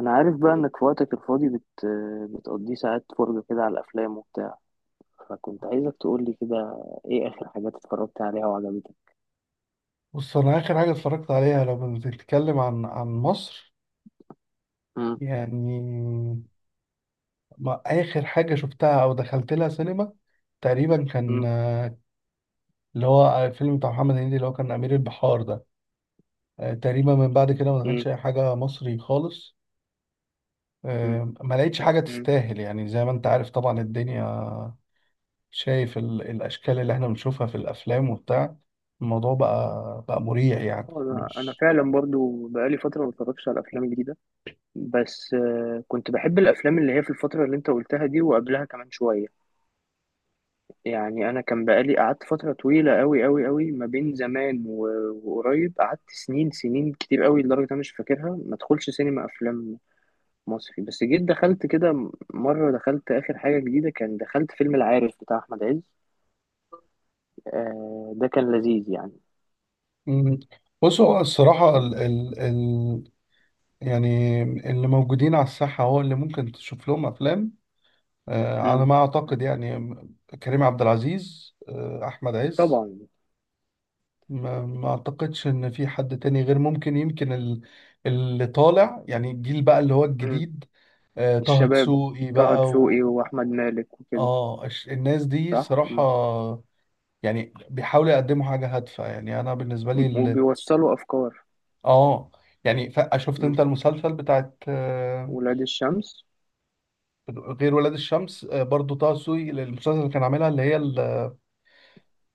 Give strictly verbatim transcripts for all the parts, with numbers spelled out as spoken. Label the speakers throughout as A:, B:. A: انا عارف بقى انك في وقتك الفاضي بت... بتقضيه ساعات فرجة كده على الافلام وبتاع، فكنت عايزك تقولي كده، ايه اخر حاجات اتفرجت عليها وعجبتك؟
B: بص انا اخر حاجه اتفرجت عليها لو بنتكلم عن عن مصر.
A: مم.
B: يعني ما اخر حاجه شفتها او دخلت لها سينما تقريبا كان
A: مم.
B: آه، اللي هو الفيلم بتاع محمد هنيدي اللي هو كان امير البحار ده. آه، تقريبا من بعد كده ما
A: مم.
B: دخلتش اي حاجه مصري خالص.
A: مم.
B: آه، ما لقيتش حاجه
A: مم.
B: تستاهل، يعني زي ما انت عارف طبعا الدنيا، شايف ال- الاشكال اللي احنا بنشوفها في الافلام وبتاع، الموضوع بقى بقى مريع يعني
A: انا أنا
B: مش.
A: فعلا برضو بقالي فتره ما اتفرجتش على افلام جديده. بس آه، كنت بحب الافلام اللي هي في الفتره اللي انت قلتها دي وقبلها كمان شويه. يعني انا كان بقالي قعدت فتره طويله قوي قوي قوي ما بين زمان و- وقريب، قعدت سنين سنين كتير قوي لدرجه انا مش فاكرها ما ادخلش سينما افلام مصري. بس جيت دخلت كده م- مرة، دخلت آخر حاجة جديدة، كان دخلت فيلم العارف بتاع أحمد عز. آه ده كان لذيذ يعني.
B: مم. بص هو الصراحة،
A: كان
B: يعني اللي موجودين على الساحة هو اللي ممكن تشوف لهم أفلام آه، على
A: مم.
B: ما أعتقد يعني. كريم عبد العزيز، آه، أحمد عز.
A: طبعا.
B: ما, ما أعتقدش إن في حد تاني غير ممكن. يمكن ال- اللي طالع يعني الجيل بقى اللي هو
A: مم.
B: الجديد. آه، طه
A: الشباب،
B: دسوقي
A: طه
B: بقى
A: دسوقي
B: و.
A: وأحمد مالك وكده.
B: آه الش- الناس دي
A: صح.
B: صراحة.
A: مم.
B: يعني بيحاولوا يقدموا حاجة هادفة، يعني أنا بالنسبة لي ال...
A: وبيوصلوا أفكار.
B: آه يعني ف- شفت
A: مم.
B: أنت المسلسل بتاعت آه،
A: ولاد الشمس.
B: غير ولاد الشمس، آه، برضو طه سوي المسلسل اللي كان عاملها، اللي هي اللي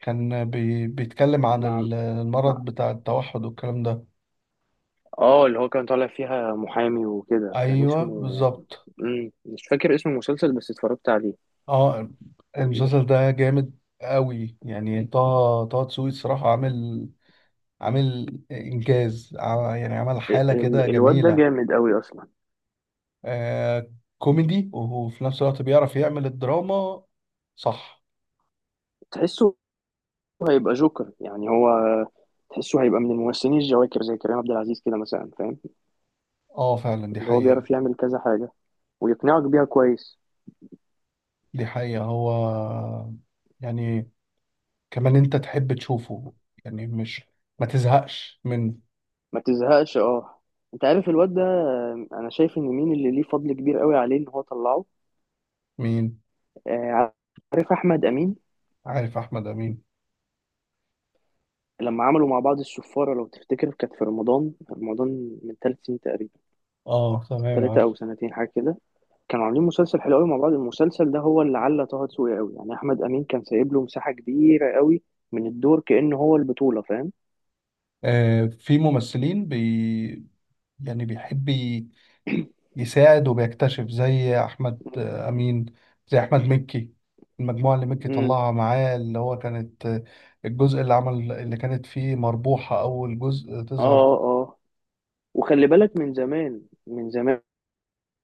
B: كان بي بيتكلم عن
A: مع.
B: ال-
A: مع.
B: المرض بتاع التوحد والكلام ده.
A: اه، اللي هو كان طالع فيها محامي وكده، كان
B: ايوه،
A: اسمه
B: بالظبط.
A: مم. مش فاكر اسم المسلسل بس اتفرجت عليه.
B: اه،
A: ال-
B: المسلسل ده جامد قوي يعني. طه طه دسوقي الصراحه عامل عامل انجاز، ع- يعني عمل حاله كده
A: ال- الواد ده
B: جميله.
A: جامد قوي أصلا.
B: آه كوميدي وفي نفس الوقت بيعرف يعمل الدراما. صح.
A: تحسه هيبقى جوكر يعني. هو تحسه هيبقى من الممثلين الجواكر، زي كريم عبد العزيز كده مثلا، فاهم؟
B: اه، فعلا دي
A: اللي هو
B: حقيقه.
A: بيعرف يعمل كذا حاجة ويقنعك بيها كويس.
B: دي حقيقه، هو يعني كمان انت تحب تشوفه، يعني مش ما تزهقش من.
A: ما تزهقش، اه. انت عارف الواد ده، آه، انا شايف ان مين اللي ليه فضل كبير قوي عليه ان هو طلعه؟
B: مين؟
A: آه، عارف احمد امين.
B: عارف احمد امين.
A: لما عملوا مع بعض السفارة لو تفتكر، كانت في رمضان رمضان من ثلاث سنين تقريبا.
B: اه، تمام
A: ثلاثة
B: عارف.
A: او سنتين حاجة كده. كانوا عاملين مسلسل حلو قوي مع بعض. المسلسل ده هو اللي علّى طه دسوقي قوي. يعني احمد امين كان سايب له مساحه كبيره قوي من الدور كأن هو البطوله، فاهم؟
B: آه في ممثلين بي يعني بيحب ي- يساعد وبيكتشف زي احمد آه، امين. زي احمد مكي. المجموعه اللي مكي
A: امم.
B: طلعها معاه، اللي هو كانت آه، الجزء اللي عمل اللي كانت فيه مربوحه اول جزء تظهر
A: اه،
B: في.
A: اه، وخلي بالك، من زمان من زمان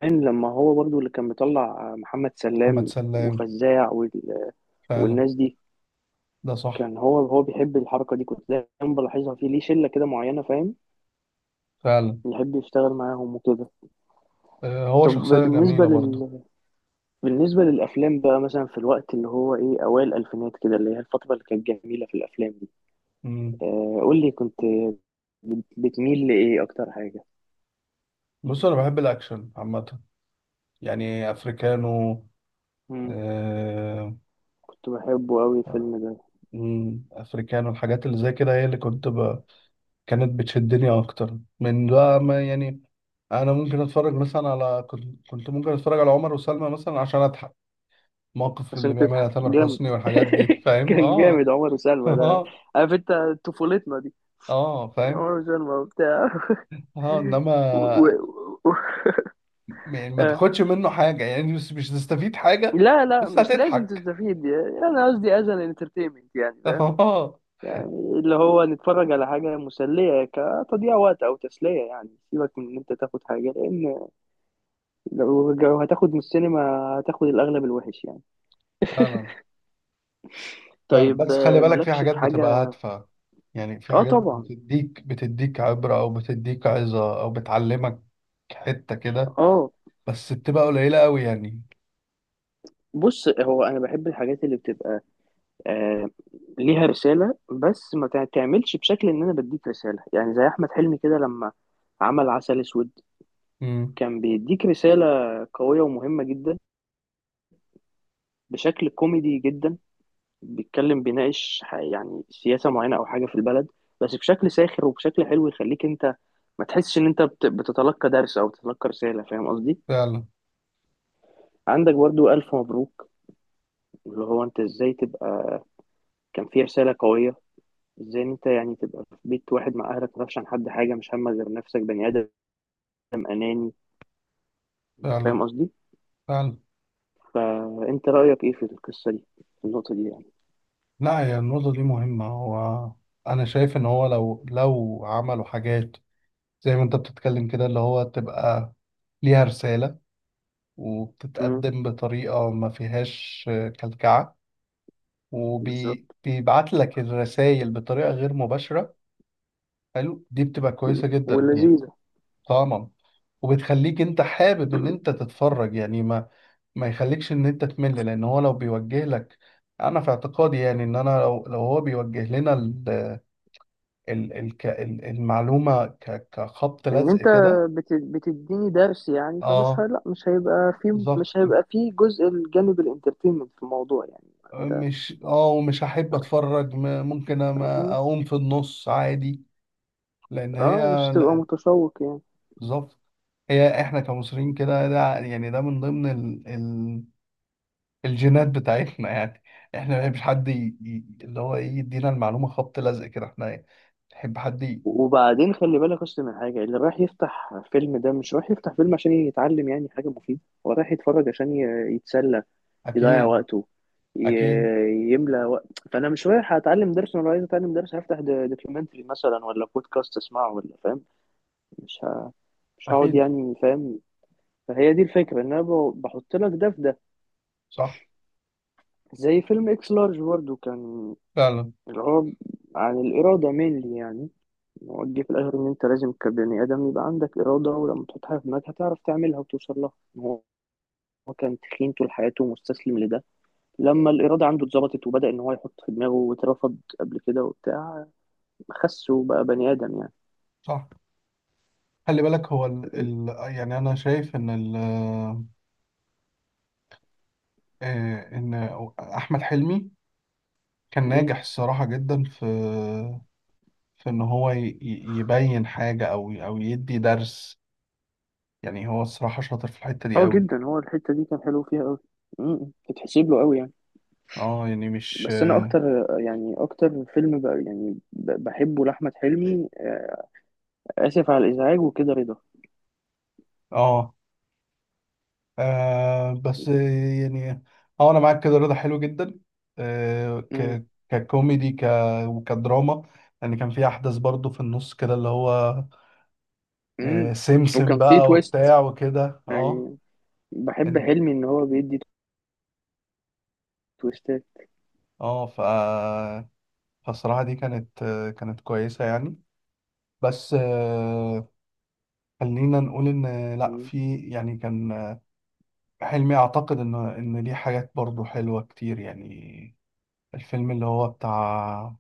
A: لما هو برضو اللي كان مطلع محمد
B: محمد
A: سلام
B: سلام.
A: وفزاع وال...
B: فعلا.
A: والناس دي.
B: ده صح.
A: كان هو هو بيحب الحركه دي، كنت دايما بلاحظها فيه، ليه شله كده معينه، فاهم؟
B: فعلا.
A: يحب يشتغل معاهم وكده.
B: آه هو
A: طب
B: شخصيه
A: بالنسبه
B: جميله برضه.
A: لل بالنسبة للأفلام بقى، مثلا في الوقت اللي هو إيه، أوائل الألفينات كده، اللي هي الفترة اللي كانت جميلة في الأفلام دي،
B: مم.
A: آه قول لي، كنت بت- بتميل لإيه أكتر حاجة؟
B: بص انا بحب الاكشن عامه. يعني افريكانو،
A: مم.
B: آه،
A: كنت بحبه أوي الفيلم ده.
B: مم، افريكانو الحاجات اللي زي كده هي اللي كنت ب... كانت بتشدني اكتر من بقى ما يعني. انا ممكن اتفرج مثلا على كنت كنت ممكن اتفرج على عمر وسلمى مثلا عشان اضحك. موقف اللي
A: عشان
B: بيعملها
A: تضحك
B: تامر
A: جامد.
B: حسني والحاجات دي، فاهم؟
A: كان
B: اه.
A: جامد عمر وسلمى ده.
B: اه،
A: عارف أنت؟ طفولتنا دي،
B: اه،
A: عمر
B: فاهم،
A: وسلمى وبتاع
B: اه، انما
A: و... و... و...
B: يعني ما
A: آه.
B: تاخدش منه حاجه، يعني مش مش هتستفيد حاجه.
A: لا لا
B: بس
A: مش لازم
B: هتضحك.
A: تستفيد، يعني أنا قصدي أز أن انترتينمنت يعني.
B: اه،
A: يعني اللي هو نتفرج على حاجة مسلية كتضييع وقت أو تسلية، يعني سيبك من إن أنت تاخد حاجة، لأن لو لو هتاخد من السينما هتاخد الأغلب الوحش يعني.
B: فعلا، فعلا،
A: طيب
B: بس خلي
A: آه،
B: بالك في
A: مالكش
B: حاجات
A: في
B: بتبقى
A: حاجة.
B: هادفة. يعني في
A: آه
B: حاجات
A: طبعا.
B: بتديك بتديك عبرة أو بتديك عظة أو بتعلمك حتة كده.
A: آه.
B: بس بتبقى قليلة أوي يعني.
A: بص هو أنا بحب الحاجات اللي بتبقى، آه، ليها رسالة، بس ما تع- تعملش بشكل إن أنا بديك رسالة. يعني زي أحمد حلمي كده لما عمل عسل أسود،
B: امم،
A: كان بيديك رسالة قوية ومهمة جدا بشكل كوميدي جدا. بيتكلم، بيناقش ح- يعني سياسة معينة أو حاجة في البلد، بس بشكل ساخر وبشكل حلو، يخليك أنت ما تحسش إن أنت بت- بتتلقى درس أو بتتلقى رسالة، فاهم قصدي؟
B: فعلا،
A: عندك برضو ألف مبروك، اللي هو أنت إزاي تبقى، كان فيه رسالة قوية إزاي إن أنت يعني تبقى في بيت واحد مع أهلك ما تعرفش عن حد حاجة، مش همك غير نفسك، بني آدم أناني، أنت
B: فعلا،
A: فاهم قصدي؟
B: فعلا.
A: فأنت رأيك إيه في القصة دي، في النقطة دي يعني؟
B: لا، هي النقطة دي مهمة. هو أنا شايف إن هو لو لو عملوا حاجات زي ما أنت بتتكلم كده، اللي هو تبقى ليها رسالة،
A: امم.
B: وبتتقدم بطريقة ما فيهاش كلكعة،
A: بالظبط.
B: وبيبعت لك الرسائل بطريقة غير مباشرة. حلو، دي بتبقى
A: مم.
B: كويسة جدا يعني.
A: ولذيذة.
B: طبعا. وبتخليك انت حابب ان انت تتفرج، يعني ما ما يخليكش ان انت تمل، لان هو لو بيوجه لك. انا في اعتقادي يعني ان انا لو لو هو بيوجه لنا ال ال ال ك- ال- المعلومة ك- كخبط
A: ان
B: لزق
A: انت
B: كده.
A: بت- بتديني درس يعني، فمش
B: اه،
A: هي... لا مش هيبقى في،
B: بالظبط.
A: مش هيبقى في جزء، الجانب الانترتينمنت في الموضوع يعني انت.
B: مش اه ومش هحب اتفرج، م- ممكن أما اقوم في النص عادي. لان هي.
A: اه مش تبقى
B: لا،
A: متشوق يعني.
B: بالظبط. هي احنا كمصريين كده، ده يعني ده من ضمن الجينات بتاعتنا يعني. احنا ما بنحبش حد ي... ي- اللي هو ايه يدينا المعلومة خبط لزق كده، احنا نحب حد ي...
A: وبعدين خلي بالك، اصل من حاجه، اللي رايح يفتح فيلم ده مش رايح يفتح فيلم عشان يتعلم يعني حاجه مفيده، هو رايح يتفرج عشان ي- يتسلى، يضيع
B: اكيد،
A: وقته،
B: اكيد،
A: ي- يملى وقت. فانا مش رايح اتعلم درس. انا عايز اتعلم درس، هفتح دوكيومنتري مثلا ولا بودكاست اسمعه، ولا فاهم مش ه... مش هقعد
B: اكيد.
A: يعني، فاهم؟ فهي دي الفكرة، ان انا ب- بحط لك ده في ده.
B: صح.
A: زي فيلم اكس لارج برضه كان،
B: فعلا.
A: اللي هو عن الإرادة مينلي يعني. هو جه في الآخر إن أنت لازم كبني آدم يبقى عندك إرادة، ولما تحط حاجة في دماغك هتعرف تعملها وتوصل لها. إن هو، هو كان تخين طول حياته ومستسلم لده، لما الإرادة عنده اتظبطت وبدأ إن هو يحط في دماغه، واترفض قبل كده وبتاع، خس وبقى بني آدم يعني.
B: صح. خلي بالك هو ال...
A: م-
B: ال... يعني انا شايف ان ال... آه، ان احمد حلمي كان
A: م.
B: ناجح الصراحة جدا في في ان هو ي... ي- يبين حاجة او او يدي درس. يعني هو الصراحة شاطر في الحتة دي
A: اه
B: قوي.
A: جدا. هو الحتة دي كان حلو فيها أوي. م- م. تتحسب له أوي يعني.
B: اه، يعني مش.
A: بس انا اكتر، يعني اكتر فيلم بقى يعني ب- بحبه لاحمد حلمي، آه، اسف على الازعاج وكده، رضا.
B: اه، آه بس يعني. اه، انا معاك كده، رضا حلو جدا. آه
A: امم
B: ك ككوميدي ك وكدراما. يعني كان في احداث برضو في النص كده اللي هو آه
A: امم
B: سمسم
A: وكان فيه
B: بقى
A: تويست
B: وبتاع وكده اه.
A: يعني. بحب
B: إن-
A: حلمي ان هو بيدي تويستات.
B: اه ف فالصراحة دي كانت آه كانت كويسة يعني. بس آه خلينا نقول ان لا
A: مم.
B: في، يعني كان آه، حلمي اعتقد ان ان ليه حاجات برضو حلوة كتير يعني. الفيلم اللي هو بتاع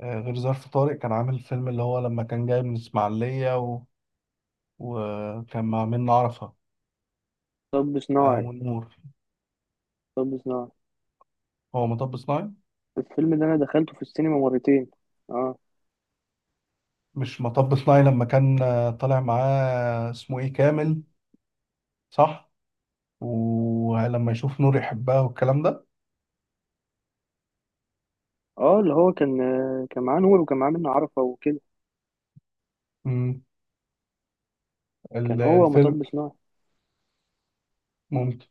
B: آه، غير ظرف طارق، كان عامل فيلم اللي هو لما كان جاي من الإسماعيلية و... وكان مع منة عرفة،
A: طب
B: آه،
A: صناعي.
B: ونور.
A: طب صناعي،
B: هو مطب صناعي.
A: الفيلم ده انا دخلته في السينما مرتين. اه
B: مش مطب صناعي لما كان آه، طالع معاه اسمه إيه كامل. صح. ولما يشوف نور يحبها والكلام ده.
A: اه. اللي هو كان آه، كان معاه نور وكان معاه منة عرفة وكده.
B: مم. ال-
A: كان هو
B: الفيلم
A: مطب صناعي.
B: ممكن.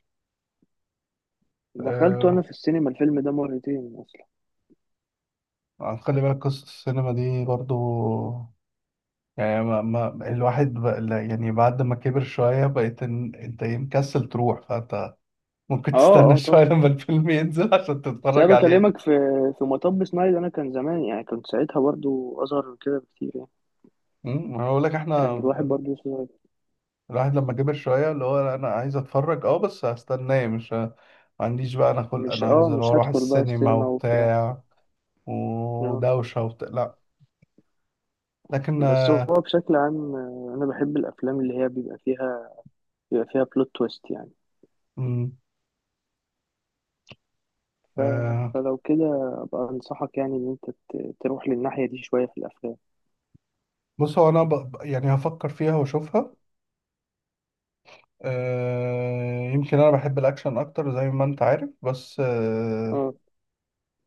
A: دخلته انا
B: آه،
A: في السينما الفيلم ده مرتين اصلا.
B: خلي بالك قصة السينما دي برضو، يعني ما ما الواحد بقى لا، يعني بعد ما كبر شوية بقيت إن- انت إيه، مكسل تروح فانت ممكن
A: اه
B: تستنى
A: اه
B: شوية
A: طبعا.
B: لما الفيلم ينزل عشان
A: بس انا
B: تتفرج عليه.
A: بكلمك في في مطب سنايد، انا كان زمان يعني، كنت ساعتها برضو اصغر من كده بكتير يعني.
B: امم انا بقول لك
A: كان
B: احنا
A: الواحد برضو صغير.
B: الواحد لما كبر شوية اللي هو انا عايز اتفرج، اه، بس هستناه مش ه- ما عنديش بقى انا خلق
A: مش
B: انا
A: اه
B: انزل
A: مش
B: واروح
A: هدخل بقى
B: السينما
A: السينما وبتاع.
B: وبتاع
A: آه.
B: ودوشة وبتاع، لا. لكن
A: بس هو
B: آه،
A: بشكل عام آه، انا بحب الافلام اللي هي بيبقى فيها بيبقى فيها بلوت تويست يعني.
B: مم،
A: ف...
B: آه،
A: فلو كده ابقى انصحك، يعني ان انت ت- تروح للناحية دي شوية في الافلام.
B: بص هو انا ب... ب- يعني هفكر فيها واشوفها. آه، يمكن انا بحب الاكشن اكتر زي ما انت عارف بس آه،
A: اه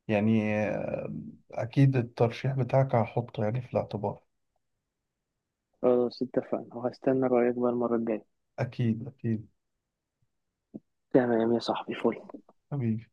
B: يعني آه، اكيد الترشيح بتاعك هحطه يعني في الاعتبار.
A: خلاص، اتفقنا، وهستنى رأيك بقى المرة الجاية.
B: اكيد، اكيد.
A: تمام يا صاحبي، فل
B: حبيبي.